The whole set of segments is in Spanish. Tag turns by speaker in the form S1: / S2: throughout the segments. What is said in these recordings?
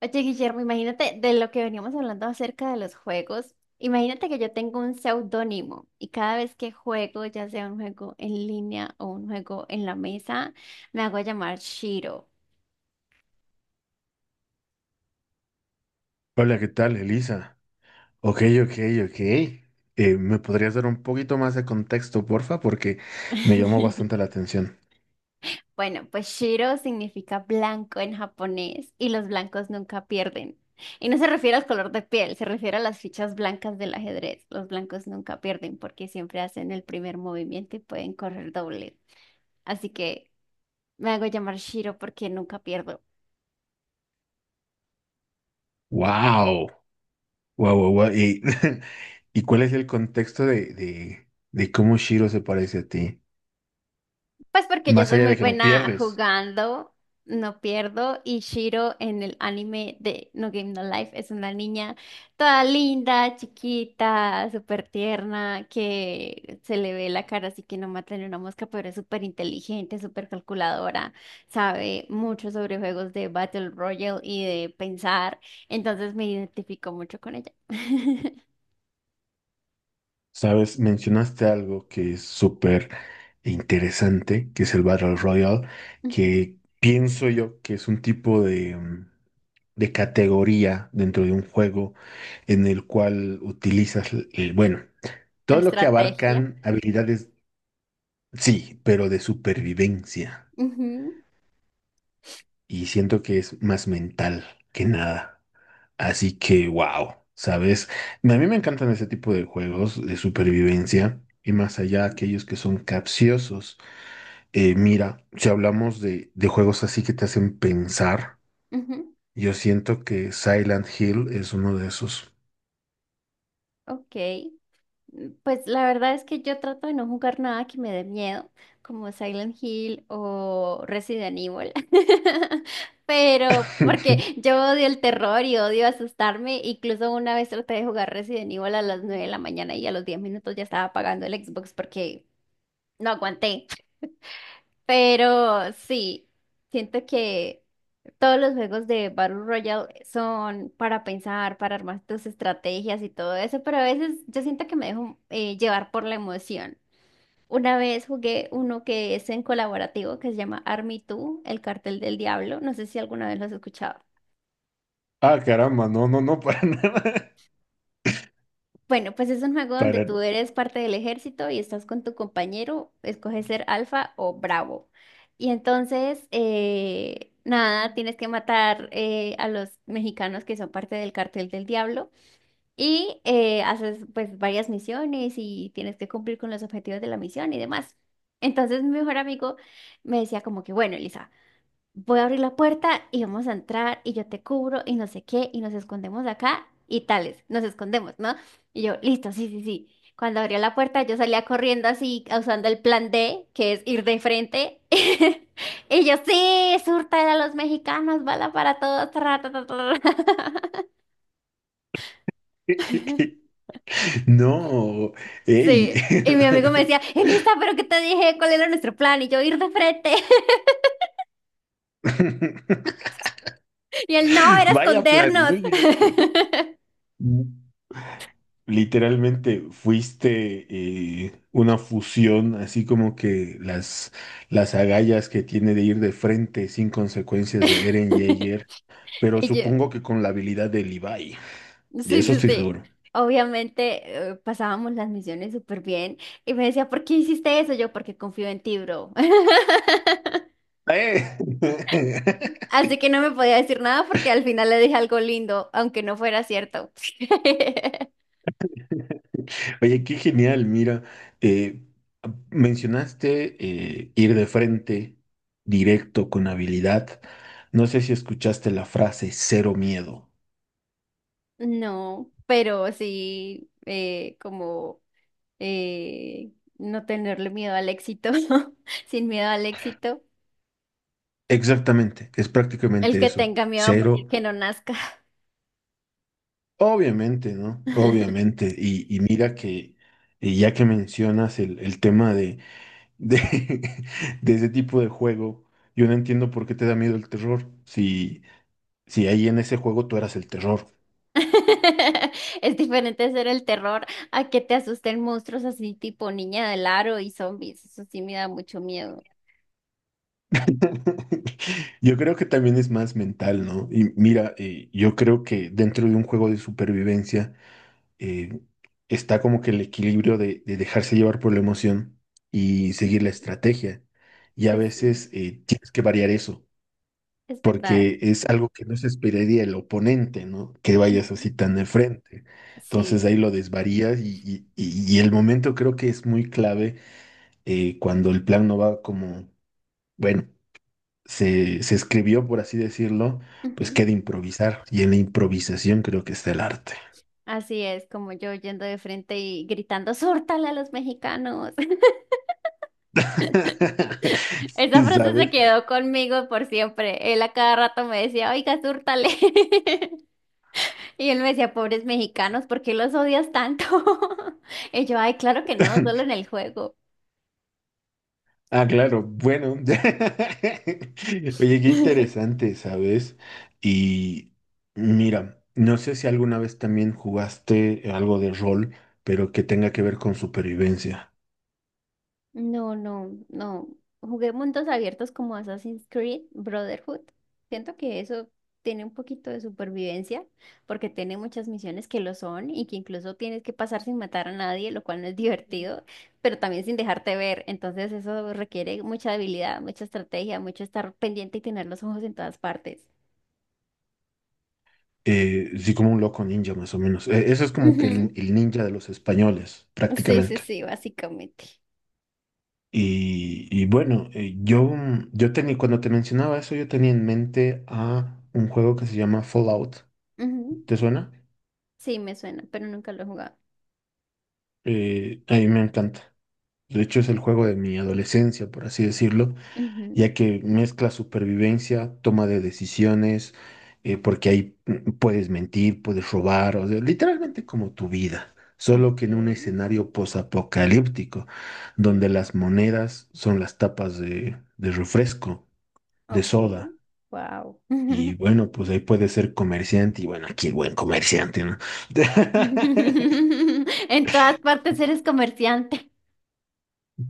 S1: Oye, Guillermo, imagínate de lo que veníamos hablando acerca de los juegos. Imagínate que yo tengo un seudónimo y cada vez que juego, ya sea un juego en línea o un juego en la mesa, me hago llamar Shiro.
S2: Hola, ¿qué tal, Elisa? Ok, ok, ok. ¿Me podrías dar un poquito más de contexto, porfa? Porque me llamó bastante la atención.
S1: Bueno, pues Shiro significa blanco en japonés y los blancos nunca pierden. Y no se refiere al color de piel, se refiere a las fichas blancas del ajedrez. Los blancos nunca pierden porque siempre hacen el primer movimiento y pueden correr doble. Así que... me hago llamar Shiro porque nunca pierdo.
S2: ¡Wow! ¡Wow, wow, wow! ¿Y, ¿y cuál es el contexto de, de cómo Shiro se parece a ti?
S1: Pues porque yo
S2: Más
S1: soy
S2: allá
S1: muy
S2: de que no
S1: buena
S2: pierdes,
S1: jugando, no pierdo. Y Shiro en el anime de No Game No Life es una niña toda linda, chiquita, súper tierna, que se le ve la cara así que no mata ni una mosca, pero es súper inteligente, súper calculadora, sabe mucho sobre juegos de Battle Royale y de pensar. Entonces me identifico mucho con ella.
S2: ¿sabes? Mencionaste algo que es súper interesante, que es el Battle Royale,
S1: Ujú.
S2: que pienso yo que es un tipo de... de categoría dentro de un juego en el cual utilizas, el, bueno,
S1: La
S2: todo lo que
S1: estrategia.
S2: abarcan habilidades, sí, pero de supervivencia. Y siento que es más mental que nada. Así que, wow, ¿sabes? A mí me encantan ese tipo de juegos de supervivencia. Y más allá,
S1: Ujú.
S2: aquellos que son capciosos. Mira, si hablamos de juegos así que te hacen pensar,
S1: Ujú.
S2: yo siento que Silent Hill es uno de esos.
S1: Ok. Mm, pues la verdad es que yo trato de no jugar nada que me dé miedo, como Silent Hill o Resident Evil, pero porque yo odio el terror y odio asustarme, incluso una vez traté de jugar Resident Evil a las 9 de la mañana y a los 10 minutos ya estaba apagando el Xbox porque no aguanté. Pero sí, siento que todos los juegos de Battle Royale son para pensar, para armar tus estrategias y todo eso, pero a veces yo siento que me dejo llevar por la emoción. Una vez jugué uno que es en colaborativo que se llama Army 2, el cartel del diablo. No sé si alguna vez lo has escuchado.
S2: Ah, caramba, no, no, no, para nada.
S1: Bueno, pues es un juego donde
S2: Para.
S1: tú eres parte del ejército y estás con tu compañero, escoges ser alfa o bravo. Y entonces, nada, tienes que matar a los mexicanos que son parte del cartel del diablo y haces pues varias misiones y tienes que cumplir con los objetivos de la misión y demás. Entonces mi mejor amigo me decía como que, bueno, Elisa, voy a abrir la puerta y vamos a entrar y yo te cubro y no sé qué y nos escondemos acá y tales, nos escondemos, ¿no? Y yo, listo, sí, sí, sí. Cuando abría la puerta yo salía corriendo así, usando el plan D, que es ir de frente. Y yo, sí, surta a los mexicanos, bala para todos. Tra, tra, tra, tra, tra".
S2: No, ey.
S1: Sí. Y mi amigo me decía, Elisa, ¿pero qué te dije? ¿Cuál era nuestro plan? Y yo, ir de frente. Y él, no, era
S2: Vaya plan,
S1: escondernos.
S2: muy directo. Literalmente fuiste una fusión, así como que las agallas que tiene de ir de frente sin consecuencias de Eren Jaeger, pero
S1: Y yo,
S2: supongo que con la habilidad de Levi. De
S1: sí,
S2: eso
S1: sí,
S2: estoy
S1: sí.
S2: seguro.
S1: Obviamente pasábamos las misiones súper bien y me decía, ¿por qué hiciste eso? Yo, porque confío en ti, bro.
S2: ¡Eh!
S1: Así que no me podía decir nada porque al final le dije algo lindo, aunque no fuera cierto.
S2: Oye, qué genial, mira, eh, mencionaste ir de frente, directo, con habilidad. No sé si escuchaste la frase cero miedo.
S1: No, pero sí, como eh, no tenerle miedo al éxito, sin miedo al éxito.
S2: Exactamente, es
S1: El
S2: prácticamente
S1: que
S2: eso,
S1: tenga miedo a morir,
S2: cero.
S1: que no nazca.
S2: Obviamente, ¿no? Obviamente. Y mira que ya que mencionas el tema de, de ese tipo de juego, yo no entiendo por qué te da miedo el terror, si, si ahí en ese juego tú eras el terror.
S1: Es diferente ser el terror a que te asusten monstruos así tipo niña del aro y zombies. Eso sí me da mucho miedo.
S2: Yo creo que también es más mental, ¿no? Y mira, yo creo que dentro de un juego de supervivencia eh, está como que el equilibrio de dejarse llevar por la emoción y seguir
S1: Ujú.
S2: la estrategia. Y a
S1: Pues sí,
S2: veces tienes que variar eso,
S1: es verdad.
S2: porque es algo que no se esperaría el oponente, ¿no? Que vayas
S1: Ujú.
S2: así tan de frente. Entonces
S1: Sí.
S2: ahí lo desvarías y, y el momento creo que es muy clave cuando el plan no va como, bueno se escribió, por así decirlo, pues
S1: Ujú.
S2: que de improvisar. Y en la improvisación creo que está el arte.
S1: Así es, como yo yendo de frente y gritando, ¡Súrtale a los mexicanos! Esa
S2: Sí,
S1: frase se
S2: ¿sabes?
S1: quedó conmigo por siempre. Él a cada rato me decía, oiga, súrtale. Y él me decía, pobres mexicanos, ¿por qué los odias tanto? Y yo, ay, claro que no, solo en el juego.
S2: Ah, claro, bueno. Oye, qué interesante, ¿sabes? Y mira, no sé si alguna vez también jugaste algo de rol, pero que tenga que ver con supervivencia.
S1: No, no, no. Jugué mundos abiertos como Assassin's Creed, Brotherhood. Siento que eso tiene un poquito de supervivencia, porque tiene muchas misiones que lo son y que incluso tienes que pasar sin matar a nadie, lo cual no es divertido, pero también sin dejarte ver. Entonces eso requiere mucha habilidad, mucha estrategia, mucho estar pendiente y tener los ojos en todas partes.
S2: Sí, como un loco ninja, más o menos. Eso es como que
S1: Ujú.
S2: el ninja de los españoles,
S1: Sí, sí,
S2: prácticamente.
S1: sí, básicamente.
S2: Y bueno, yo, yo tenía, cuando te mencionaba eso, yo tenía en mente a un juego que se llama Fallout.
S1: Ujú.
S2: ¿Te suena?
S1: Sí, me suena, pero nunca lo he jugado.
S2: A mí me encanta. De hecho, es el juego de mi adolescencia, por así decirlo,
S1: Ujú.
S2: ya que mezcla supervivencia, toma de decisiones, porque ahí puedes mentir, puedes robar, o sea, literalmente como tu vida, solo
S1: Ok,
S2: que en un escenario posapocalíptico, donde
S1: sí.
S2: las monedas son las tapas de refresco, de
S1: Ok,
S2: soda.
S1: wow.
S2: Y bueno, pues ahí puede ser comerciante y bueno, aquí el buen comerciante, ¿no?
S1: En todas partes eres comerciante.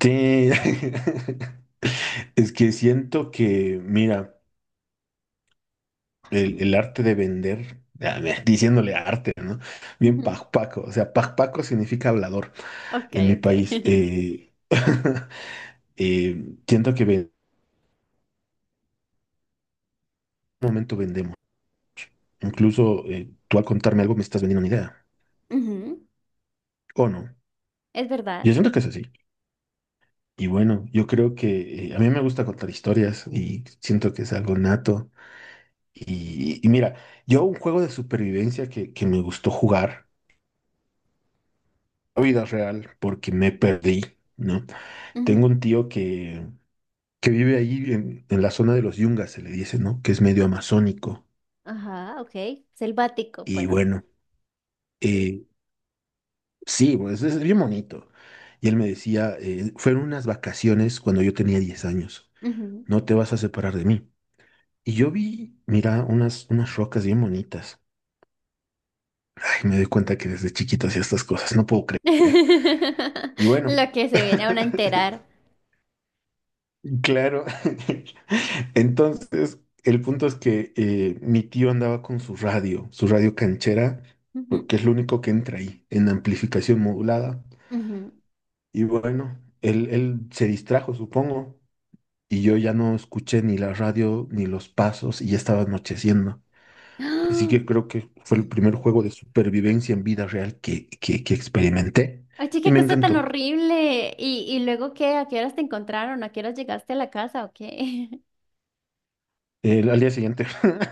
S2: Sí, es que siento que, mira, el arte de vender, ah, mira, diciéndole arte, ¿no? bien
S1: Ujú.
S2: pajpaco, o sea, pajpaco significa hablador
S1: Ok,
S2: en mi país.
S1: ok.
S2: Siento que en un momento vendemos. Incluso tú al contarme algo me estás vendiendo una idea,
S1: Ujú.
S2: ¿o no?
S1: Es verdad.
S2: Yo siento que es así. Y bueno, yo creo que a mí me gusta contar historias y siento que es algo nato. Y mira, yo un juego de supervivencia que me gustó jugar, la vida real, porque me perdí, ¿no? Tengo
S1: Ujú.
S2: un tío que vive ahí en la zona de los Yungas, se le dice, ¿no? Que es medio amazónico.
S1: Ajá, ok. Selvático,
S2: Y
S1: pues.
S2: bueno, eh, sí, pues es bien bonito. Y él me decía, fueron unas vacaciones cuando yo tenía 10 años,
S1: Ujú.
S2: no te vas a separar de mí. Y yo vi, mira, unas, unas rocas bien bonitas. Ay, me doy cuenta que desde chiquito hacía estas cosas, no puedo creer. Y bueno,
S1: Lo que se viene a uno a enterar.
S2: claro. Entonces, el punto es que mi tío andaba con su radio canchera,
S1: Ujú.
S2: que es lo único que entra ahí, en amplificación modulada.
S1: Ujú.
S2: Y bueno, él se distrajo, supongo, y yo ya no escuché ni la radio ni los pasos y ya estaba anocheciendo. Así
S1: ¡Ah!
S2: que creo que fue el
S1: Mm.
S2: primer juego de supervivencia en vida real que, que experimenté
S1: Oye,
S2: y
S1: qué
S2: me
S1: cosa tan
S2: encantó.
S1: horrible. Y luego qué? ¿A qué horas te encontraron? ¿A qué horas llegaste a la casa o qué?
S2: El, al día siguiente.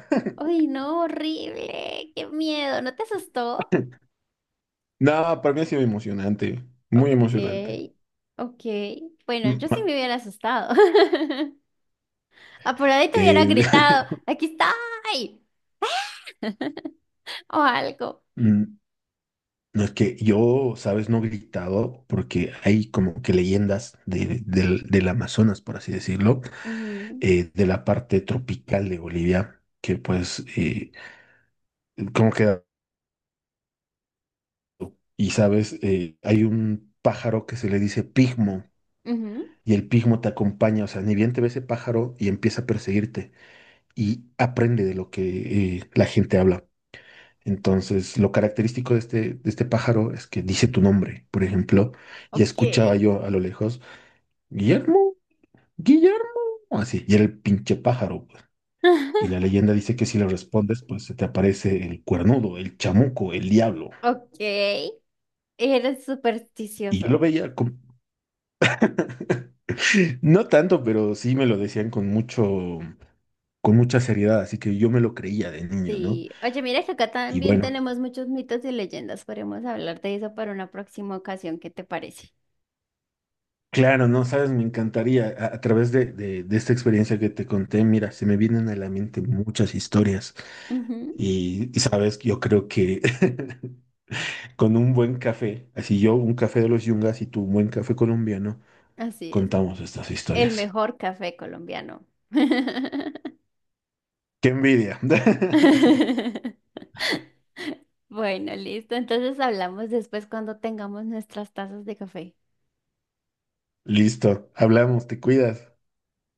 S1: Ay, no, horrible. Qué miedo. ¿No te asustó?
S2: No, para mí ha sido emocionante, muy
S1: Ok,
S2: emocionante.
S1: ok. Bueno,
S2: Mm,
S1: yo sí
S2: ma-
S1: me hubiera asustado. Ah, por ahí te hubiera
S2: eh,
S1: gritado, aquí está, o algo.
S2: mm, no es que yo, sabes, no he gritado porque hay como que leyendas del, del Amazonas, por así decirlo,
S1: Ujú,
S2: de la parte tropical de Bolivia, que pues, como que, y sabes, hay un pájaro que se le dice pigmo
S1: ujú.
S2: y el pigmo te acompaña, o sea, ni bien te ve ese pájaro y empieza a perseguirte. Y aprende de lo que la gente habla. Entonces, lo característico de este pájaro es que dice tu nombre, por ejemplo, y
S1: Ok.
S2: escuchaba yo a lo lejos, Guillermo, Guillermo, así, y era el pinche pájaro, pues. Y la leyenda dice que si le respondes, pues se te aparece el cuernudo, el chamuco, el diablo.
S1: Ok. Eres
S2: Y yo
S1: supersticioso.
S2: lo veía con... No tanto, pero sí me lo decían con mucho, con mucha seriedad, así que yo me lo creía de niño, ¿no?
S1: Sí. Oye, mira que acá
S2: Y
S1: también
S2: bueno,
S1: tenemos muchos mitos y leyendas. Podemos hablar de eso para una próxima ocasión. ¿Qué te parece?
S2: claro, no sabes, me encantaría. A través de, de esta experiencia que te conté, mira, se me vienen a la mente muchas historias.
S1: Ujú.
S2: Y sabes, yo creo que con un buen café, así yo, un café de los Yungas y tú, un buen café colombiano,
S1: Así es.
S2: contamos estas
S1: El
S2: historias.
S1: mejor café colombiano.
S2: ¡Qué envidia!
S1: Bueno, listo. Entonces hablamos después cuando tengamos nuestras tazas de café.
S2: Listo, hablamos, te cuidas.